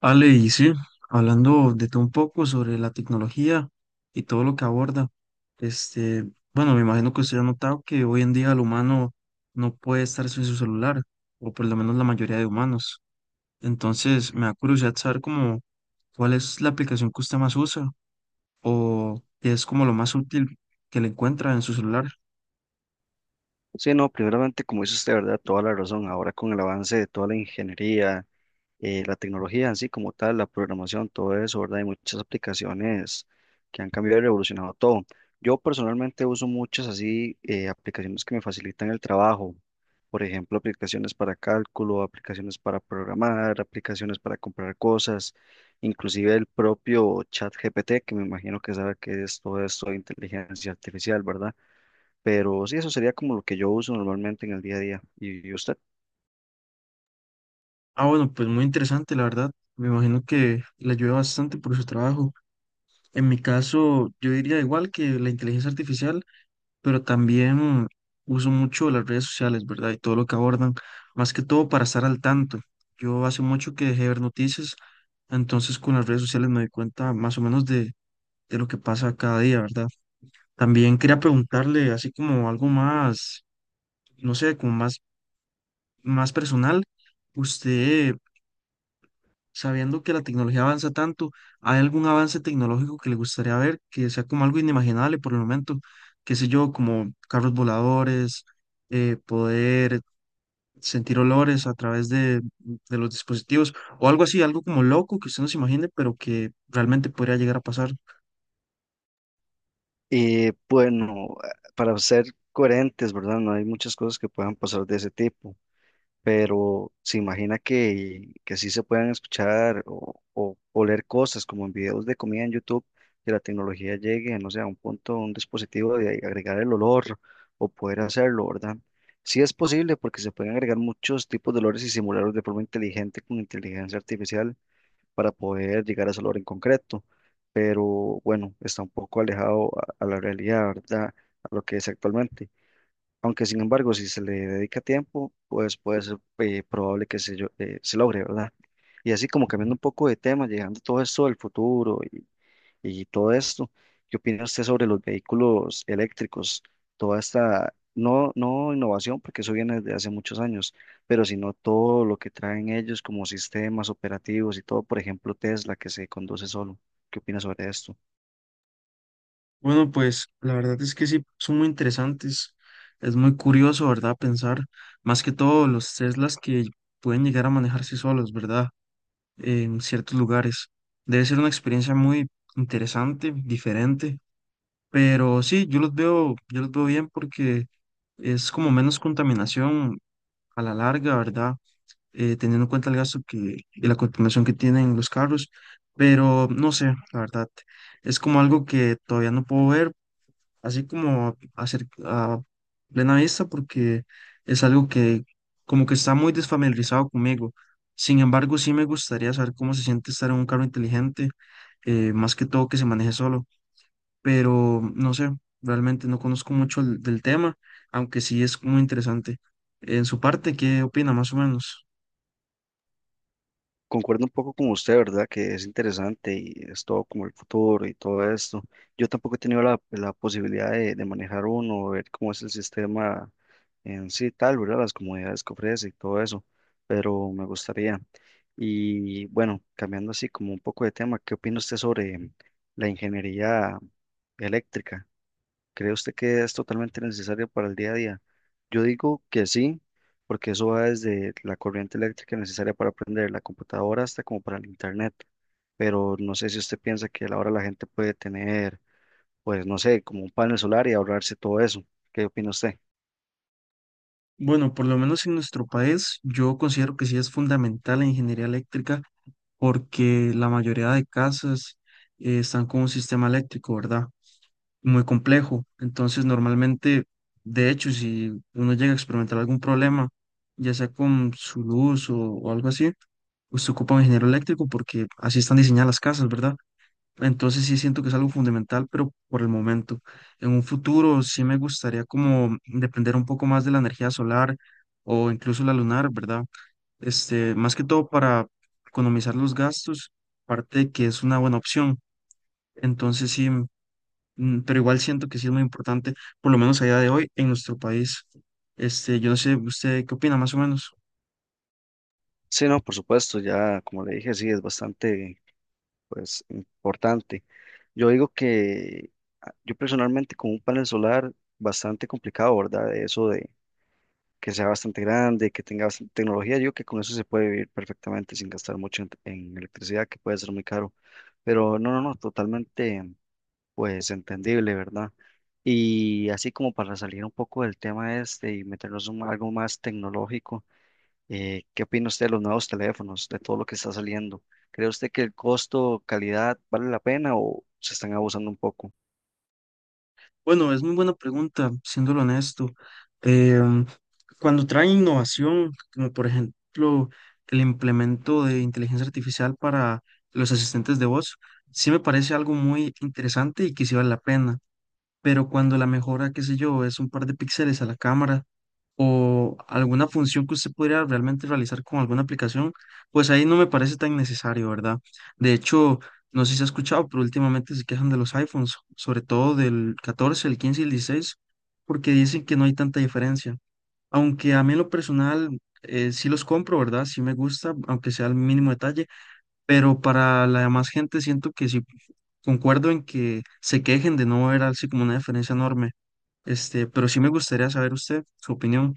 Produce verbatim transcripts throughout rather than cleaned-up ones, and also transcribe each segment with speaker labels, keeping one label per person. Speaker 1: Ale, y sí, hablando de todo un poco sobre la tecnología y todo lo que aborda, este, bueno, me imagino que usted ha notado que hoy en día el humano no puede estar sin su celular, o por lo menos la mayoría de humanos. Entonces, me da curiosidad saber cómo, ¿cuál es la aplicación que usted más usa, o qué es como lo más útil que le encuentra en su celular?
Speaker 2: Sí, no, primeramente, como dice usted, ¿verdad? Toda la razón. Ahora con el avance de toda la ingeniería, eh, la tecnología en sí como tal, la programación, todo eso, ¿verdad? Hay muchas aplicaciones que han cambiado y revolucionado todo. Yo personalmente uso muchas así eh, aplicaciones que me facilitan el trabajo. Por ejemplo, aplicaciones para cálculo, aplicaciones para programar, aplicaciones para comprar cosas, inclusive el propio ChatGPT, que me imagino que sabe que es todo esto de inteligencia artificial, ¿verdad? Pero sí, eso sería como lo que yo uso normalmente en el día a día. ¿Y y usted?
Speaker 1: Ah, bueno, pues muy interesante, la verdad. Me imagino que le ayuda bastante por su trabajo. En mi caso, yo diría igual que la inteligencia artificial, pero también uso mucho las redes sociales, ¿verdad? Y todo lo que abordan, más que todo para estar al tanto. Yo hace mucho que dejé de ver noticias, entonces con las redes sociales me doy cuenta más o menos de, de lo que pasa cada día, ¿verdad? También quería preguntarle, así como algo más, no sé, como más, más personal, ¿usted, sabiendo que la tecnología avanza tanto, hay algún avance tecnológico que le gustaría ver, que sea como algo inimaginable por el momento? Qué sé yo, como carros voladores, eh, poder sentir olores a través de, de los dispositivos o algo así, algo como loco que usted no se imagine, pero que realmente podría llegar a pasar.
Speaker 2: Y bueno, para ser coherentes, ¿verdad? No hay muchas cosas que puedan pasar de ese tipo, pero se imagina que, que sí se puedan escuchar o, o, o leer cosas como en videos de comida en YouTube, que la tecnología llegue, no sé, a un punto, un dispositivo de agregar el olor o poder hacerlo, ¿verdad? Sí es posible porque se pueden agregar muchos tipos de olores y simularlos de forma inteligente con inteligencia artificial para poder llegar a ese logro en concreto. Pero bueno, está un poco alejado a, a la realidad, ¿verdad? A lo que es actualmente. Aunque sin embargo, si se le dedica tiempo, pues puede ser eh, probable que se, yo- eh, se logre, ¿verdad? Y así como cambiando un poco de tema, llegando todo esto del futuro y todo esto. ¿Qué opina usted sobre los vehículos eléctricos? Toda esta, no, no innovación, porque eso viene desde hace muchos años, pero sino todo lo que traen ellos como sistemas operativos y todo, por ejemplo, Tesla que se conduce solo. ¿Qué opina sobre esto?
Speaker 1: Bueno, pues la verdad es que sí, son muy interesantes. Es muy curioso, ¿verdad? Pensar, más que todo, los Teslas que pueden llegar a manejarse solos, ¿verdad?, en ciertos lugares. Debe ser una experiencia muy interesante, diferente, pero sí, yo los veo, yo los veo bien, porque es como menos contaminación a la larga, ¿verdad? Eh, teniendo en cuenta el gasto que, y la contaminación que tienen los carros, pero no sé, la verdad, es como algo que todavía no puedo ver así como a, cer- a plena vista, porque es algo que como que está muy desfamiliarizado conmigo. Sin embargo, sí me gustaría saber cómo se siente estar en un carro inteligente, eh, más que todo que se maneje solo, pero no sé, realmente no conozco mucho el- del tema, aunque sí es muy interesante. En su parte, ¿qué opina más o menos?
Speaker 2: Concuerdo un poco con usted, ¿verdad? Que es interesante y es todo como el futuro y todo esto. Yo tampoco he tenido la, la posibilidad de, de manejar uno, ver cómo es el sistema en sí tal, ¿verdad? Las comodidades que ofrece y todo eso, pero me gustaría. Y bueno, cambiando así como un poco de tema, ¿qué opina usted sobre la ingeniería eléctrica? ¿Cree usted que es totalmente necesaria para el día a día? Yo digo que sí, porque eso va desde la corriente eléctrica necesaria para aprender la computadora hasta como para el internet, pero no sé si usted piensa que ahora la gente puede tener, pues no sé, como un panel solar y ahorrarse todo eso. ¿Qué opina usted?
Speaker 1: Bueno, por lo menos en nuestro país, yo considero que sí es fundamental la ingeniería eléctrica, porque la mayoría de casas eh, están con un sistema eléctrico, ¿verdad? Muy complejo. Entonces, normalmente, de hecho, si uno llega a experimentar algún problema, ya sea con su luz o, o algo así, pues se ocupa un ingeniero eléctrico, porque así están diseñadas las casas, ¿verdad? Entonces sí siento que es algo fundamental, pero por el momento. En un futuro sí me gustaría como depender un poco más de la energía solar o incluso la lunar, ¿verdad? Este, más que todo para economizar los gastos, parte de que es una buena opción. Entonces sí, mm, mm, pero igual siento que sí es muy importante, por lo menos a día de hoy en nuestro país. Este, yo no sé, ¿usted qué opina más o menos?
Speaker 2: Sí, no, por supuesto, ya como le dije, sí, es bastante, pues, importante. Yo digo que ah, yo personalmente con un panel solar bastante complicado, ¿verdad? Eso de que sea bastante grande, que tenga bastante tecnología, yo digo que con eso se puede vivir perfectamente sin gastar mucho en, en electricidad, que puede ser muy caro. Pero no, no, no, totalmente, pues, entendible, ¿verdad? Y así como para salir un poco del tema este y meternos en algo más tecnológico. Eh, ¿qué opina usted de los nuevos teléfonos, de todo lo que está saliendo? ¿Cree usted que el costo, calidad, vale la pena o se están abusando un poco?
Speaker 1: Bueno, es muy buena pregunta, siéndolo honesto. Em, Cuando trae innovación, como por ejemplo el implemento de inteligencia artificial para los asistentes de voz, sí me parece algo muy interesante y que sí vale la pena, pero cuando la mejora, qué sé yo, es un par de píxeles a la cámara o alguna función que usted pudiera realmente realizar con alguna aplicación, pues ahí no me parece tan necesario, ¿verdad? De hecho, no sé si se ha escuchado, pero últimamente se quejan de los iPhones, sobre todo del catorce, el quince y el dieciséis, porque dicen que no hay tanta diferencia. Aunque a mí en lo personal, eh, sí los compro, ¿verdad? Sí me gusta, aunque sea el mínimo detalle, pero para la demás gente siento que sí concuerdo en que se quejen de no ver así como una diferencia enorme. Este, pero sí me gustaría saber usted su opinión.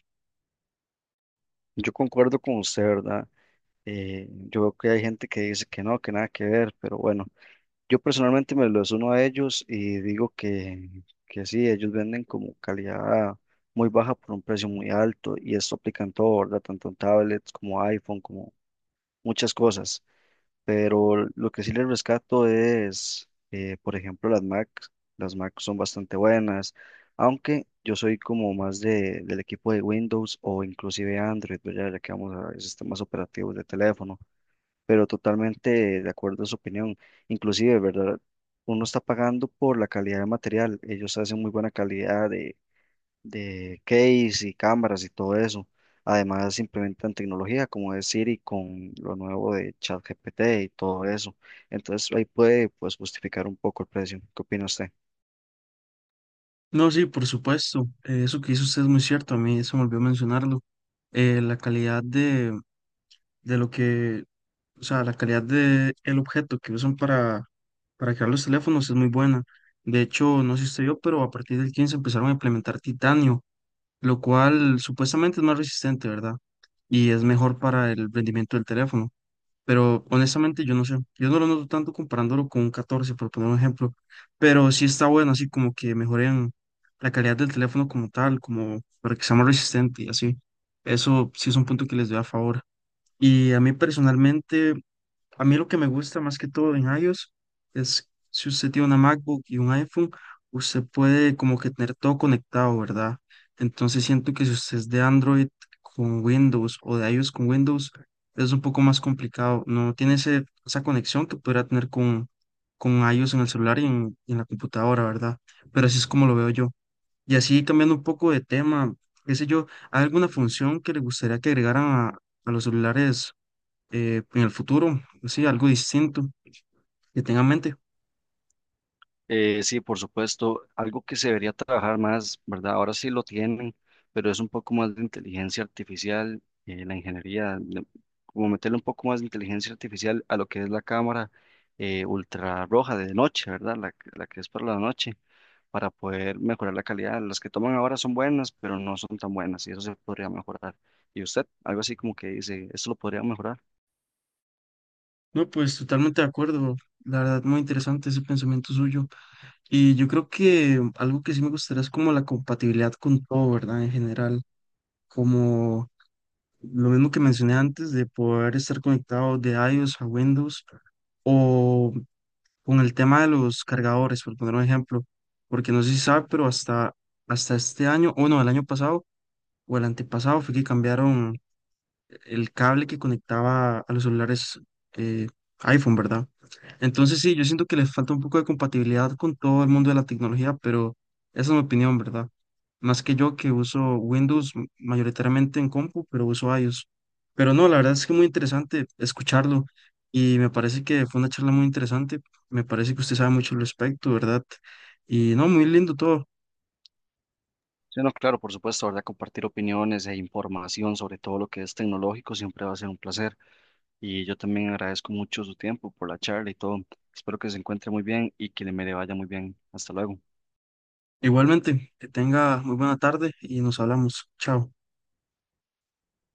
Speaker 2: Yo concuerdo con usted, ¿verdad? Eh, yo veo que hay gente que dice que no, que nada que ver, pero bueno, yo personalmente me lo uno a ellos y digo que, que sí, ellos venden como calidad muy baja por un precio muy alto y esto aplica en todo, ¿verdad? Tanto en tablets como iPhone, como muchas cosas. Pero lo que sí les rescato es, eh, por ejemplo, las Mac. Las Mac son bastante buenas, aunque yo soy como más de, del equipo de Windows o inclusive Android, ¿verdad? Ya que vamos a sistemas operativos de teléfono, pero totalmente de acuerdo a su opinión. Inclusive, ¿verdad? Uno está pagando por la calidad de material. Ellos hacen muy buena calidad de case y cámaras y todo eso. Además, implementan tecnología como es Siri con lo nuevo de ChatGPT y todo eso. Entonces, ahí puede pues, justificar un poco el precio. ¿Qué opina usted?
Speaker 1: No, sí, por supuesto. Eh, eso que hizo usted es muy cierto. A mí se me olvidó mencionarlo. Eh, la calidad de, de lo que, o sea, la calidad de el objeto que usan para, para crear los teléfonos es muy buena. De hecho, no sé si usted vio, pero a partir del quince empezaron a implementar titanio, lo cual supuestamente es más resistente, ¿verdad? Y es mejor para el rendimiento del teléfono, pero honestamente yo no sé. Yo no lo noto tanto comparándolo con un catorce, por poner un ejemplo, pero sí está bueno, así como que mejoren la calidad del teléfono como tal, como para que sea más resistente y así. Eso sí es un punto que les doy a favor. Y a mí personalmente, a mí lo que me gusta más que todo en iOS es, si usted tiene una MacBook y un iPhone, usted puede como que tener todo conectado, ¿verdad? Entonces siento que si usted es de Android con Windows o de iOS con Windows, es un poco más complicado. No tiene ese, esa conexión que podría tener con, con iOS en el celular y en, y en la computadora, ¿verdad? Pero así es como lo veo yo. Y así, cambiando un poco de tema, qué sé yo, ¿hay alguna función que le gustaría que agregaran a, a los celulares, eh, en el futuro, sí, algo distinto que tenga en mente?
Speaker 2: Eh, sí, por supuesto, algo que se debería trabajar más, ¿verdad? Ahora sí lo tienen, pero es un poco más de inteligencia artificial, eh, la ingeniería, le- como meterle un poco más de inteligencia artificial a lo que es la cámara eh, ultrarroja de noche, ¿verdad? La, que- la que es para la noche para poder mejorar la calidad. Las que toman ahora son buenas, pero no son tan buenas y eso se podría mejorar. ¿Y usted? Algo así como que dice, ¿esto lo podría mejorar?
Speaker 1: No, pues totalmente de acuerdo. La verdad, muy interesante ese pensamiento suyo. Y yo creo que algo que sí me gustaría es como la compatibilidad con todo, ¿verdad? En general, como lo mismo que mencioné antes de poder estar conectado de iOS a Windows, o con el tema de los cargadores, por poner un ejemplo, porque no sé si sabe, pero hasta, hasta este año, o no, el año pasado o el antepasado, fue que cambiaron el cable que conectaba a los celulares eh, iPhone, ¿verdad? Entonces sí, yo siento que les falta un poco de compatibilidad con todo el mundo de la tecnología, pero esa es mi opinión, ¿verdad? Más que yo, que uso Windows m- mayoritariamente en compu, pero uso iOS. Pero no, la verdad es que muy interesante escucharlo, y me parece que fue una charla muy interesante. Me parece que usted sabe mucho al respecto, ¿verdad? Y no, muy lindo todo.
Speaker 2: Sí, no, claro, por supuesto, ¿verdad? Compartir opiniones e información sobre todo lo que es tecnológico siempre va a ser un placer. Y yo también agradezco mucho su tiempo por la charla y todo. Espero que se encuentre muy bien y que le me le vaya muy bien. Hasta luego.
Speaker 1: Igualmente, que tenga muy buena tarde y nos hablamos. Chao.